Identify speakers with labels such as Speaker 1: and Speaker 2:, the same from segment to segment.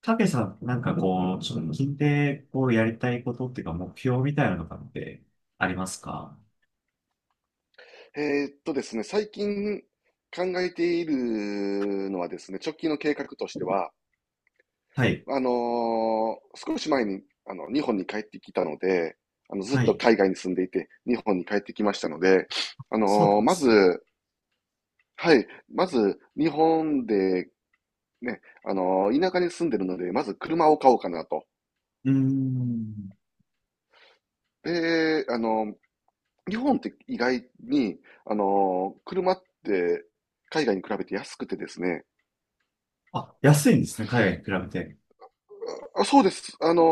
Speaker 1: たけさん、なんかこう、こう、やりたいことっていうか、目標みたいなのとかってありますか？
Speaker 2: ですね、最近考えているのはですね、直近の計画としては、
Speaker 1: はい。
Speaker 2: 少し前にあの日本に帰ってきたので、あのずっ
Speaker 1: は
Speaker 2: と
Speaker 1: い。
Speaker 2: 海外に住んでいて、日本に帰ってきましたので、
Speaker 1: そうなんで
Speaker 2: ま
Speaker 1: すね。
Speaker 2: ず、はい、まず日本でね、田舎に住んでるので、まず車を買おうかなと。
Speaker 1: うーん。
Speaker 2: で、日本って意外に、車って海外に比べて安くてですね、
Speaker 1: あ、安いんですね、海外に比べて。
Speaker 2: あ、そうです。あの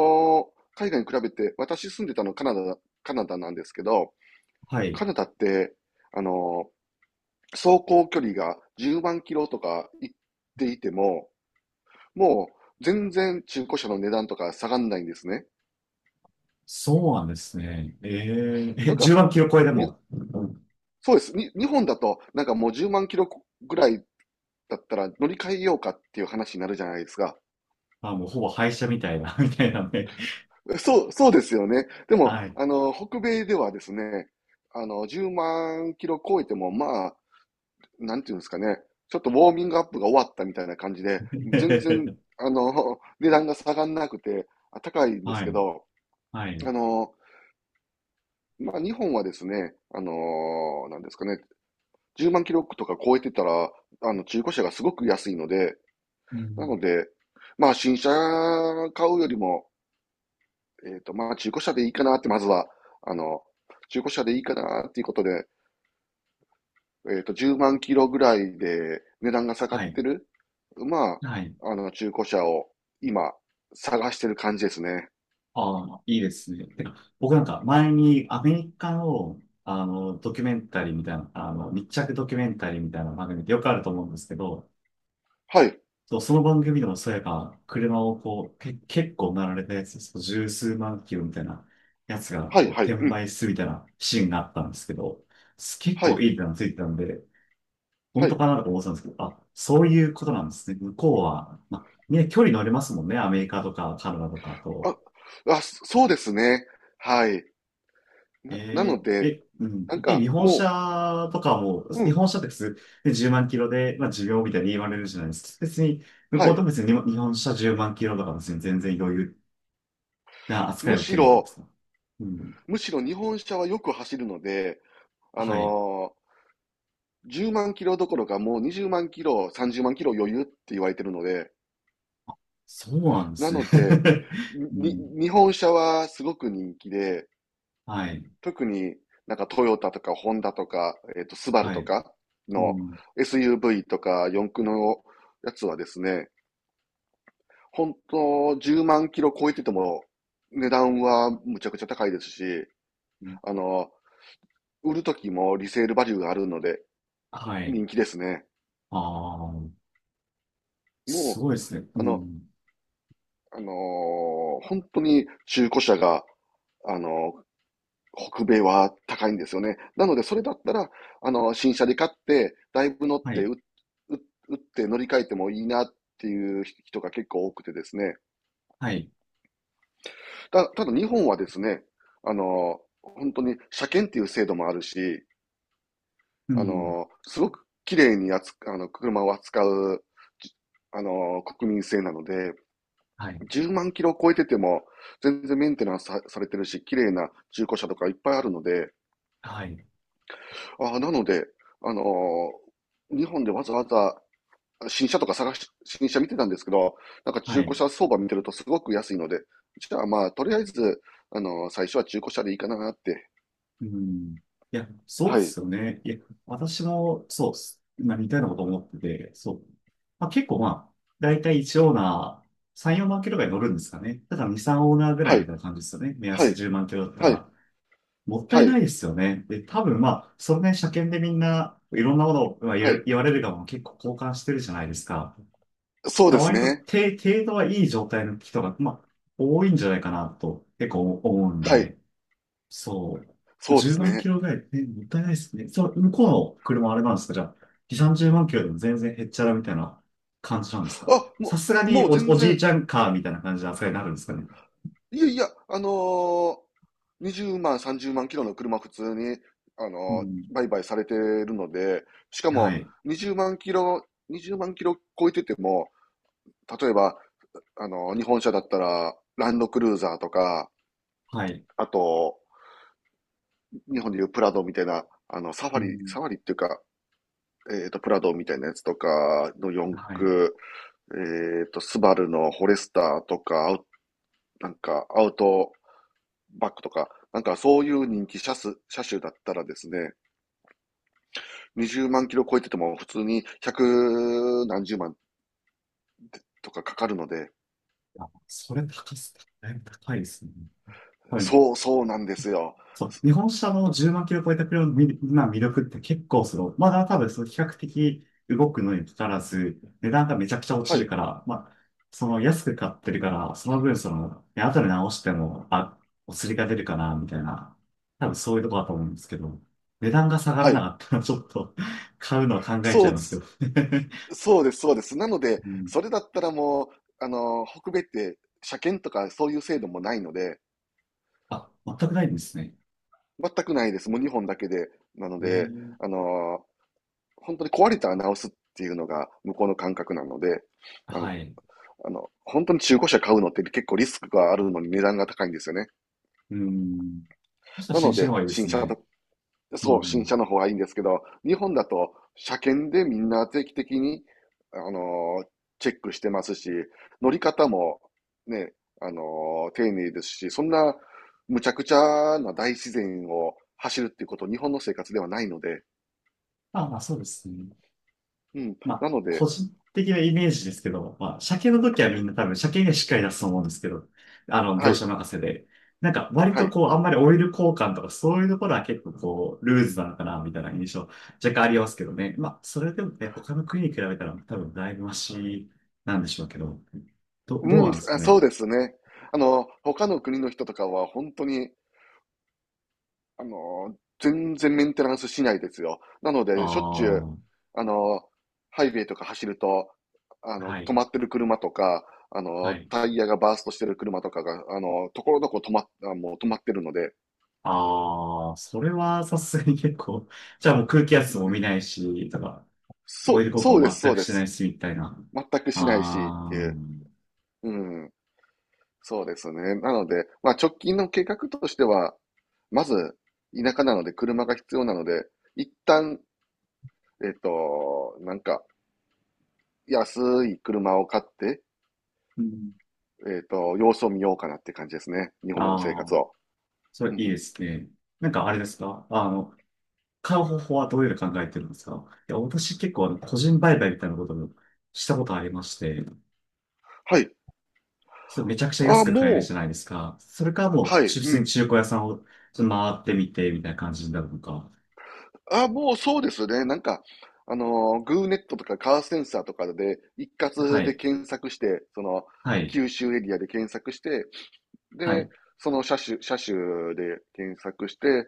Speaker 2: ー海外に比べて、私住んでたのカナダ、カナダなんですけど、
Speaker 1: はい。
Speaker 2: カナダって、あの走行距離が10万キロとか行っていても、もう全然中古車の値段とか下がんないんですね。
Speaker 1: そうなんですね。
Speaker 2: な
Speaker 1: え、
Speaker 2: んか、
Speaker 1: 10万キロ超えで
Speaker 2: に、
Speaker 1: も。
Speaker 2: そうです。日本だと、なんかもう10万キロぐらいだったら乗り換えようかっていう話になるじゃないですか。
Speaker 1: あ、もうほぼ廃車みたいな、みたいなね。
Speaker 2: そうですよね。でも、
Speaker 1: はい。
Speaker 2: あの、北米ではですね、あの、10万キロ超えても、まあ、なんていうんですかね、ちょっとウォーミングアップが終わったみたいな感じで、全然、あの、値段が下がんなくて、高いんで
Speaker 1: は
Speaker 2: すけ
Speaker 1: い。
Speaker 2: ど、
Speaker 1: はい。
Speaker 2: あの、まあ、日本はですね、あの、なんですかね、10万キロとか超えてたら、あの、中古車がすごく安いので、
Speaker 1: う
Speaker 2: な
Speaker 1: ん。
Speaker 2: ので、まあ、新車買うよりも、えっと、まあ、中古車でいいかなって、まずは、あの、中古車でいいかなっていうことで、えっと、10万キロぐらいで値段が下が
Speaker 1: は
Speaker 2: っ
Speaker 1: い。
Speaker 2: てる、ま
Speaker 1: はい。
Speaker 2: あ、あの、中古車を今、探してる感じですね。
Speaker 1: ああ、いいですね。てか僕なんか前にアメリカの、ドキュメンタリーみたいな、密着ドキュメンタリーみたいな番組ってよくあると思うんですけど、
Speaker 2: はい、
Speaker 1: そう、その番組でもそういえば、車をこう、結構なられたやつ、そう十数万キロみたいなやつが
Speaker 2: はい、
Speaker 1: こう
Speaker 2: はい、
Speaker 1: 転
Speaker 2: うん、
Speaker 1: 売するみたいなシーンがあったんですけど、結
Speaker 2: は
Speaker 1: 構
Speaker 2: い、
Speaker 1: いい値段ついてたんで、本
Speaker 2: は
Speaker 1: 当
Speaker 2: い。
Speaker 1: かなとか思ってたんですけど、あ、そういうことなんですね。向こうは、まあ、ね、距離乗れますもんね、アメリカとかカナダとか
Speaker 2: あ、
Speaker 1: と。
Speaker 2: あ、そうですね。はい。な
Speaker 1: え
Speaker 2: ので、
Speaker 1: え、うん。
Speaker 2: なん
Speaker 1: え、
Speaker 2: か
Speaker 1: 日本
Speaker 2: も
Speaker 1: 車とかも、
Speaker 2: う、う
Speaker 1: 日
Speaker 2: ん、
Speaker 1: 本車って普通、で10万キロで、まあ、寿命みたいに言われるじゃないですか。別に、向こ
Speaker 2: は
Speaker 1: う
Speaker 2: い。
Speaker 1: と別に日本車10万キロとか別に全然余裕な扱い
Speaker 2: む
Speaker 1: を受
Speaker 2: し
Speaker 1: けるんで
Speaker 2: ろ、
Speaker 1: すか？うん。
Speaker 2: むしろ日本車はよく走るので、あの
Speaker 1: はい。
Speaker 2: ー10万キロどころかもう20万キロ、30万キロ余裕って言われてるので、
Speaker 1: そうなんで
Speaker 2: な
Speaker 1: すね。
Speaker 2: ので、
Speaker 1: うん。
Speaker 2: 日本車はすごく人気で、
Speaker 1: はい。
Speaker 2: 特になんかトヨタとかホンダとか、えっと、スバル
Speaker 1: は
Speaker 2: と
Speaker 1: い。
Speaker 2: か
Speaker 1: う
Speaker 2: の
Speaker 1: ん。
Speaker 2: SUV とか四駆のやつはですね、本当10万キロ超えてても値段はむちゃくちゃ高いですし、あの、売る時もリセールバリューがあるので
Speaker 1: はい。
Speaker 2: 人気ですね。
Speaker 1: ああ、す
Speaker 2: もう、
Speaker 1: ごいですね。
Speaker 2: あ
Speaker 1: う
Speaker 2: の、
Speaker 1: ん。
Speaker 2: あのー本当に中古車が、あのー北米は高いんですよね。なので、それだったら、あの、新車で買って、だいぶ乗っ
Speaker 1: は
Speaker 2: て、
Speaker 1: い。
Speaker 2: 打って乗り換えてもいいなっていう人が結構多くてですね。
Speaker 1: はい。
Speaker 2: ただ日本はですね、あの、本当に車検っていう制度もあるし、
Speaker 1: う
Speaker 2: あ
Speaker 1: ん。
Speaker 2: の、すごく綺麗にあの、車を扱う、じあの、国民性なので、
Speaker 1: はい。
Speaker 2: 10万キロ超えてても、全然メンテナンスされてるし、綺麗な中古車とかいっぱいあるので、
Speaker 1: はい。
Speaker 2: ああ、なので、あのー日本でわざわざ新車とか探し、新車見てたんですけど、なんか
Speaker 1: は
Speaker 2: 中古
Speaker 1: い。
Speaker 2: 車相場見てるとすごく安いので、じゃあまあ、とりあえず、最初は中古車でいいかなって。
Speaker 1: うん。いや、そうで
Speaker 2: はい、
Speaker 1: すよね。いや、私も、そうっす。ま似たようなこと思ってて、そう。まあ、結構まあ、だいたい1オーナー、3、4万キロぐらい乗るんですかね。だから2、3オーナーぐら
Speaker 2: は
Speaker 1: いみ
Speaker 2: い、
Speaker 1: たいな感じですよね。目
Speaker 2: は
Speaker 1: 安
Speaker 2: い、
Speaker 1: 10万キロだった
Speaker 2: はい、
Speaker 1: ら。もった
Speaker 2: は
Speaker 1: いな
Speaker 2: い、
Speaker 1: いですよね。で、多分まあ、それね、車検でみんな、いろんなものをまあ
Speaker 2: はい。
Speaker 1: 言われるがも結構交換してるじゃないですか。だか
Speaker 2: そう
Speaker 1: ら
Speaker 2: です
Speaker 1: 割と
Speaker 2: ね。
Speaker 1: て程度はいい状態の人が、まあ、多いんじゃないかなと、結構思うん
Speaker 2: は
Speaker 1: で。
Speaker 2: い、
Speaker 1: そう。
Speaker 2: そうで
Speaker 1: 10
Speaker 2: す
Speaker 1: 万キ
Speaker 2: ね。
Speaker 1: ロぐらい、もったいないですね。そう、向こうの車あれなんですか？じゃあ、2、30万キロでも全然へっちゃらみたいな感じなんですか？
Speaker 2: あ、
Speaker 1: さ
Speaker 2: も
Speaker 1: すが
Speaker 2: う、
Speaker 1: に
Speaker 2: もう
Speaker 1: お、
Speaker 2: 全
Speaker 1: おじい
Speaker 2: 然、
Speaker 1: ちゃんカーみたいな感じの扱いになるんですかね。
Speaker 2: いやいや、20万、30万キロの車普通に、あ
Speaker 1: う
Speaker 2: の
Speaker 1: ん。
Speaker 2: 売買されてるので、しか
Speaker 1: は
Speaker 2: も
Speaker 1: い。
Speaker 2: 20万キロ、20万キロ超えてても、例えば、日本車だったら、ランドクルーザーとか、
Speaker 1: はい。
Speaker 2: あと、日本でいうプラドみたいな、あの、サフ
Speaker 1: う
Speaker 2: ァリ、
Speaker 1: ん。
Speaker 2: サファリっていうか、えっと、プラドみたいなやつとかの四
Speaker 1: はい。
Speaker 2: 駆、えっと、スバルのフォレスターとか、アウなんか、アウトバックとか、なんかそういう人気車種、車種だったらですね、20万キロ超えてても普通に百何十万とかかかるので、
Speaker 1: あ、それ高す、だいぶ高いですね。はい。
Speaker 2: そうなんですよ。
Speaker 1: そう、日本車の10万キロ超えた車の魅力って結構その、まだ多分その比較的動くのにかかわらず、値段がめちゃくちゃ落ち
Speaker 2: は
Speaker 1: る
Speaker 2: い、
Speaker 1: から、まあ、その安く買ってるから、その分その、ね後で直しても、あ、お釣りが出るかな、みたいな、多分そういうとこだと思うんですけど、値段が下がら
Speaker 2: は
Speaker 1: な
Speaker 2: い。
Speaker 1: かったらちょっと 買うのは考えち
Speaker 2: そ
Speaker 1: ゃ
Speaker 2: う
Speaker 1: い
Speaker 2: で
Speaker 1: ますけど
Speaker 2: す、そうです、そうです。なので、
Speaker 1: うん。
Speaker 2: それだったらもう、あの、北米って車検とかそういう制度もないので、
Speaker 1: あ、全くないんですね。
Speaker 2: 全くないです。もう2本だけで。なの
Speaker 1: え
Speaker 2: で、あ
Speaker 1: え、
Speaker 2: の、本当に壊れたら直すっていうのが向こうの感覚なので、あの、
Speaker 1: はい。
Speaker 2: あの、本当に中古車買うのって結構リスクがあるのに値段が高いんですよね。
Speaker 1: うん。そしたら
Speaker 2: なの
Speaker 1: 新車の
Speaker 2: で、
Speaker 1: 方がいいで
Speaker 2: 新
Speaker 1: す
Speaker 2: 車だ
Speaker 1: ね。
Speaker 2: と、
Speaker 1: う
Speaker 2: そう、新
Speaker 1: ん。
Speaker 2: 車の方がいいんですけど、日本だと車検でみんな定期的に、あのーチェックしてますし、乗り方もね、あの丁寧ですし、そんなむちゃくちゃな大自然を走るっていうこと、日本の生活ではないので、
Speaker 1: あ、まあそうですね。
Speaker 2: うん、
Speaker 1: ま
Speaker 2: な
Speaker 1: あ、
Speaker 2: の
Speaker 1: 個
Speaker 2: で、
Speaker 1: 人的なイメージですけど、まあ、車検の時は
Speaker 2: は
Speaker 1: みん
Speaker 2: い、
Speaker 1: な多分車検がしっかり出すと思うんですけど、
Speaker 2: は
Speaker 1: 業
Speaker 2: い、
Speaker 1: 者任せで。なんか、割
Speaker 2: は
Speaker 1: と
Speaker 2: い、
Speaker 1: こう、あんまりオイル交換とかそういうところは結構こう、ルーズなのかな、みたいな印象、若干ありますけどね。まあ、それでもね、他の国に比べたら多分だいぶマシなんでしょうけど、どう
Speaker 2: うん、
Speaker 1: なんですか
Speaker 2: あそ
Speaker 1: ね。
Speaker 2: うですね。あの、他の国の人とかは本当にあの、全然メンテナンスしないですよ。なの
Speaker 1: あ
Speaker 2: で、しょっちゅう、
Speaker 1: あ、
Speaker 2: あの、ハイウェイとか走ると、あの、
Speaker 1: は
Speaker 2: 止
Speaker 1: い、
Speaker 2: まってる車とか、あ
Speaker 1: は
Speaker 2: の、
Speaker 1: い。
Speaker 2: タイヤがバーストしてる車とかが、あの、ところどころ止まっ、あもう止まってるので、
Speaker 1: ああ、それはさすがに結構、じゃあもう空気圧も
Speaker 2: ね、
Speaker 1: 見ないし、とか、
Speaker 2: そ
Speaker 1: オイル
Speaker 2: う、
Speaker 1: 効果
Speaker 2: そうで
Speaker 1: を
Speaker 2: す、
Speaker 1: 全
Speaker 2: そう
Speaker 1: く
Speaker 2: で
Speaker 1: しない
Speaker 2: す。
Speaker 1: し、みたいな。
Speaker 2: 全くしないしって
Speaker 1: あ
Speaker 2: いう。
Speaker 1: ー、
Speaker 2: うん、そうですね。なので、まあ直近の計画としては、まず、田舎なので車が必要なので、一旦、えっと、なんか、安い車を買って、
Speaker 1: うん。
Speaker 2: えっと、様子を見ようかなって感じですね。日
Speaker 1: あ
Speaker 2: 本での生
Speaker 1: ー、あ
Speaker 2: 活
Speaker 1: あ
Speaker 2: を。
Speaker 1: それ
Speaker 2: うん
Speaker 1: いい
Speaker 2: う
Speaker 1: で
Speaker 2: ん。
Speaker 1: すね。なんかあれですか？買う方法はどういうの考えてるんですか？いや、私結構個人売買みたいなことをしたことありまして、
Speaker 2: はい。
Speaker 1: それめちゃくちゃ
Speaker 2: あ
Speaker 1: 安
Speaker 2: あ、
Speaker 1: く買える
Speaker 2: も
Speaker 1: じゃ
Speaker 2: う、
Speaker 1: ないですか。それからもう、
Speaker 2: はい、
Speaker 1: 普
Speaker 2: う
Speaker 1: 通に
Speaker 2: ん。
Speaker 1: 中古屋さんをちょっと回ってみて、みたいな感じになるのか。
Speaker 2: ああ、もうそうですね。なんか、あのグーネットとかカーセンサーとかで一
Speaker 1: は
Speaker 2: 括で
Speaker 1: い、
Speaker 2: 検索して、その、
Speaker 1: はい、
Speaker 2: 九州エリアで検索して、
Speaker 1: は
Speaker 2: で、
Speaker 1: い。
Speaker 2: その車種で検索して、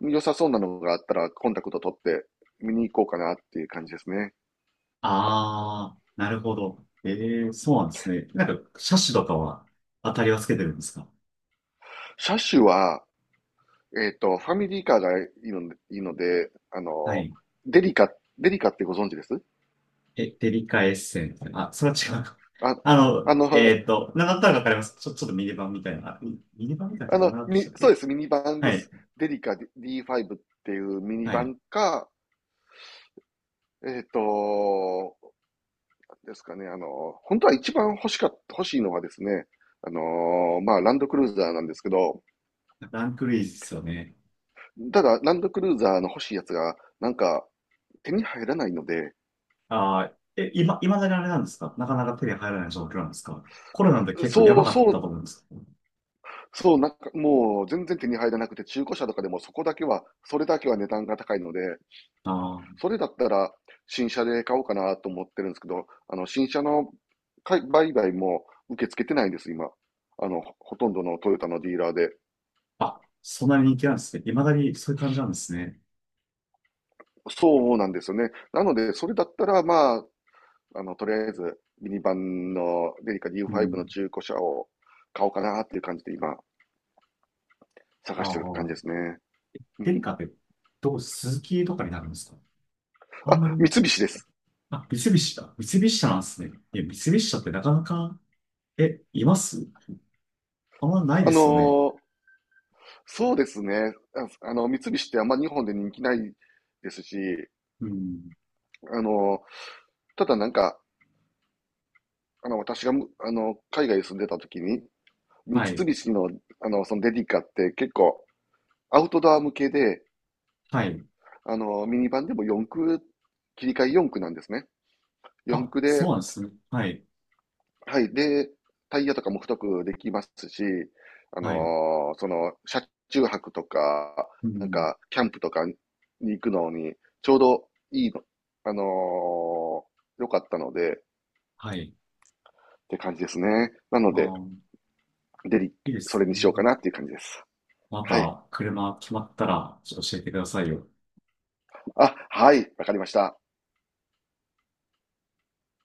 Speaker 2: 良さそうなのがあったらコンタクト取って見に行こうかなっていう感じですね。
Speaker 1: ああ、なるほど。ええ、そうなんですね。なんか、車種とかは当たりはつけてるんですか？
Speaker 2: 車種は、えっと、ファミリーカーがいいので、いいので、あ
Speaker 1: は
Speaker 2: の、
Speaker 1: い。
Speaker 2: デリカ、デリカってご存知です
Speaker 1: え、デリカエッセンス。あ、それは違うか。
Speaker 2: あ、あの、
Speaker 1: なんだったらわかります。ちょっとミニバンみたいな。ミニバンみたいな
Speaker 2: あ
Speaker 1: やつど
Speaker 2: の、
Speaker 1: うなったでしたっ
Speaker 2: そう
Speaker 1: け？
Speaker 2: です、ミニバンで
Speaker 1: はい。
Speaker 2: す。デリカ D5 っていうミニ
Speaker 1: は
Speaker 2: バ
Speaker 1: い。
Speaker 2: ンか、えっと、ですかね、あの、本当は一番欲しかっ、欲しいのはですね、あの、まあ、ランドクルーザーなんですけど、
Speaker 1: ランクルイズですよね。
Speaker 2: ただ、ランドクルーザーの欲しいやつが、なんか、手に入らないので、
Speaker 1: ああ、今、だにあれなんですか？なかなか手に入らない状況なんですか？コロナで結構や
Speaker 2: そ
Speaker 1: ば
Speaker 2: う、
Speaker 1: かっ
Speaker 2: そ
Speaker 1: た
Speaker 2: う、
Speaker 1: と思うんですけど。
Speaker 2: そう、なんかもう全然手に入らなくて、中古車とかでもそこだけは、それだけは値段が高いので、
Speaker 1: あ
Speaker 2: それだったら新車で買おうかなと思ってるんですけど、あの、新車の売買も受け付けてないんです、今。あの、ほとんどのトヨタのディーラーで。
Speaker 1: あ、あ、そんなに人気なんですね。未だにそういう感じなんですね。
Speaker 2: そうなんですよね。なので、それだったら、まあ、あの、とりあえず、ミニバンのデリカ
Speaker 1: う
Speaker 2: D5 の
Speaker 1: ん。
Speaker 2: 中古車を買おうかなっていう感じで今、探
Speaker 1: あ
Speaker 2: してる感じで
Speaker 1: あ、
Speaker 2: すね。う
Speaker 1: デリ
Speaker 2: ん。
Speaker 1: カって、スズキとかになるんですか？あんま
Speaker 2: あ、
Speaker 1: り、
Speaker 2: 三菱です。
Speaker 1: あ、三菱だ。三菱車なんですね。いや、三菱車ってなかなか、います？あんまないで
Speaker 2: あ
Speaker 1: すよね。
Speaker 2: のーそうですね。あの、三菱ってあんま日本で人気ないですし、
Speaker 1: うん。
Speaker 2: あの、ただなんか、あの、私がむ、あの、海外に住んでた時に、三
Speaker 1: はい。
Speaker 2: 菱の、あの、そのデリカって結構アウトドア向けで、
Speaker 1: はい。
Speaker 2: あの、ミニバンでも四駆、切り替え四駆なんですね。四
Speaker 1: あ、
Speaker 2: 駆
Speaker 1: そう
Speaker 2: で、
Speaker 1: なんですね。はい。
Speaker 2: はい。で、タイヤとかも太くできますし、
Speaker 1: はい。
Speaker 2: その、車中泊とか、
Speaker 1: う
Speaker 2: なん
Speaker 1: ん。
Speaker 2: か、キャンプとかに行くのに、ちょうどいいの、あのー良かったので、っ
Speaker 1: はい。
Speaker 2: て感じですね。なの
Speaker 1: あ
Speaker 2: で、
Speaker 1: ー、
Speaker 2: デリ、
Speaker 1: いいで
Speaker 2: そ
Speaker 1: す
Speaker 2: れに
Speaker 1: ね。
Speaker 2: しようかなっていう感じです。
Speaker 1: ま
Speaker 2: はい。
Speaker 1: た、車決まったら、ちょっと教えてくださいよ。
Speaker 2: あ、はい。わかりました。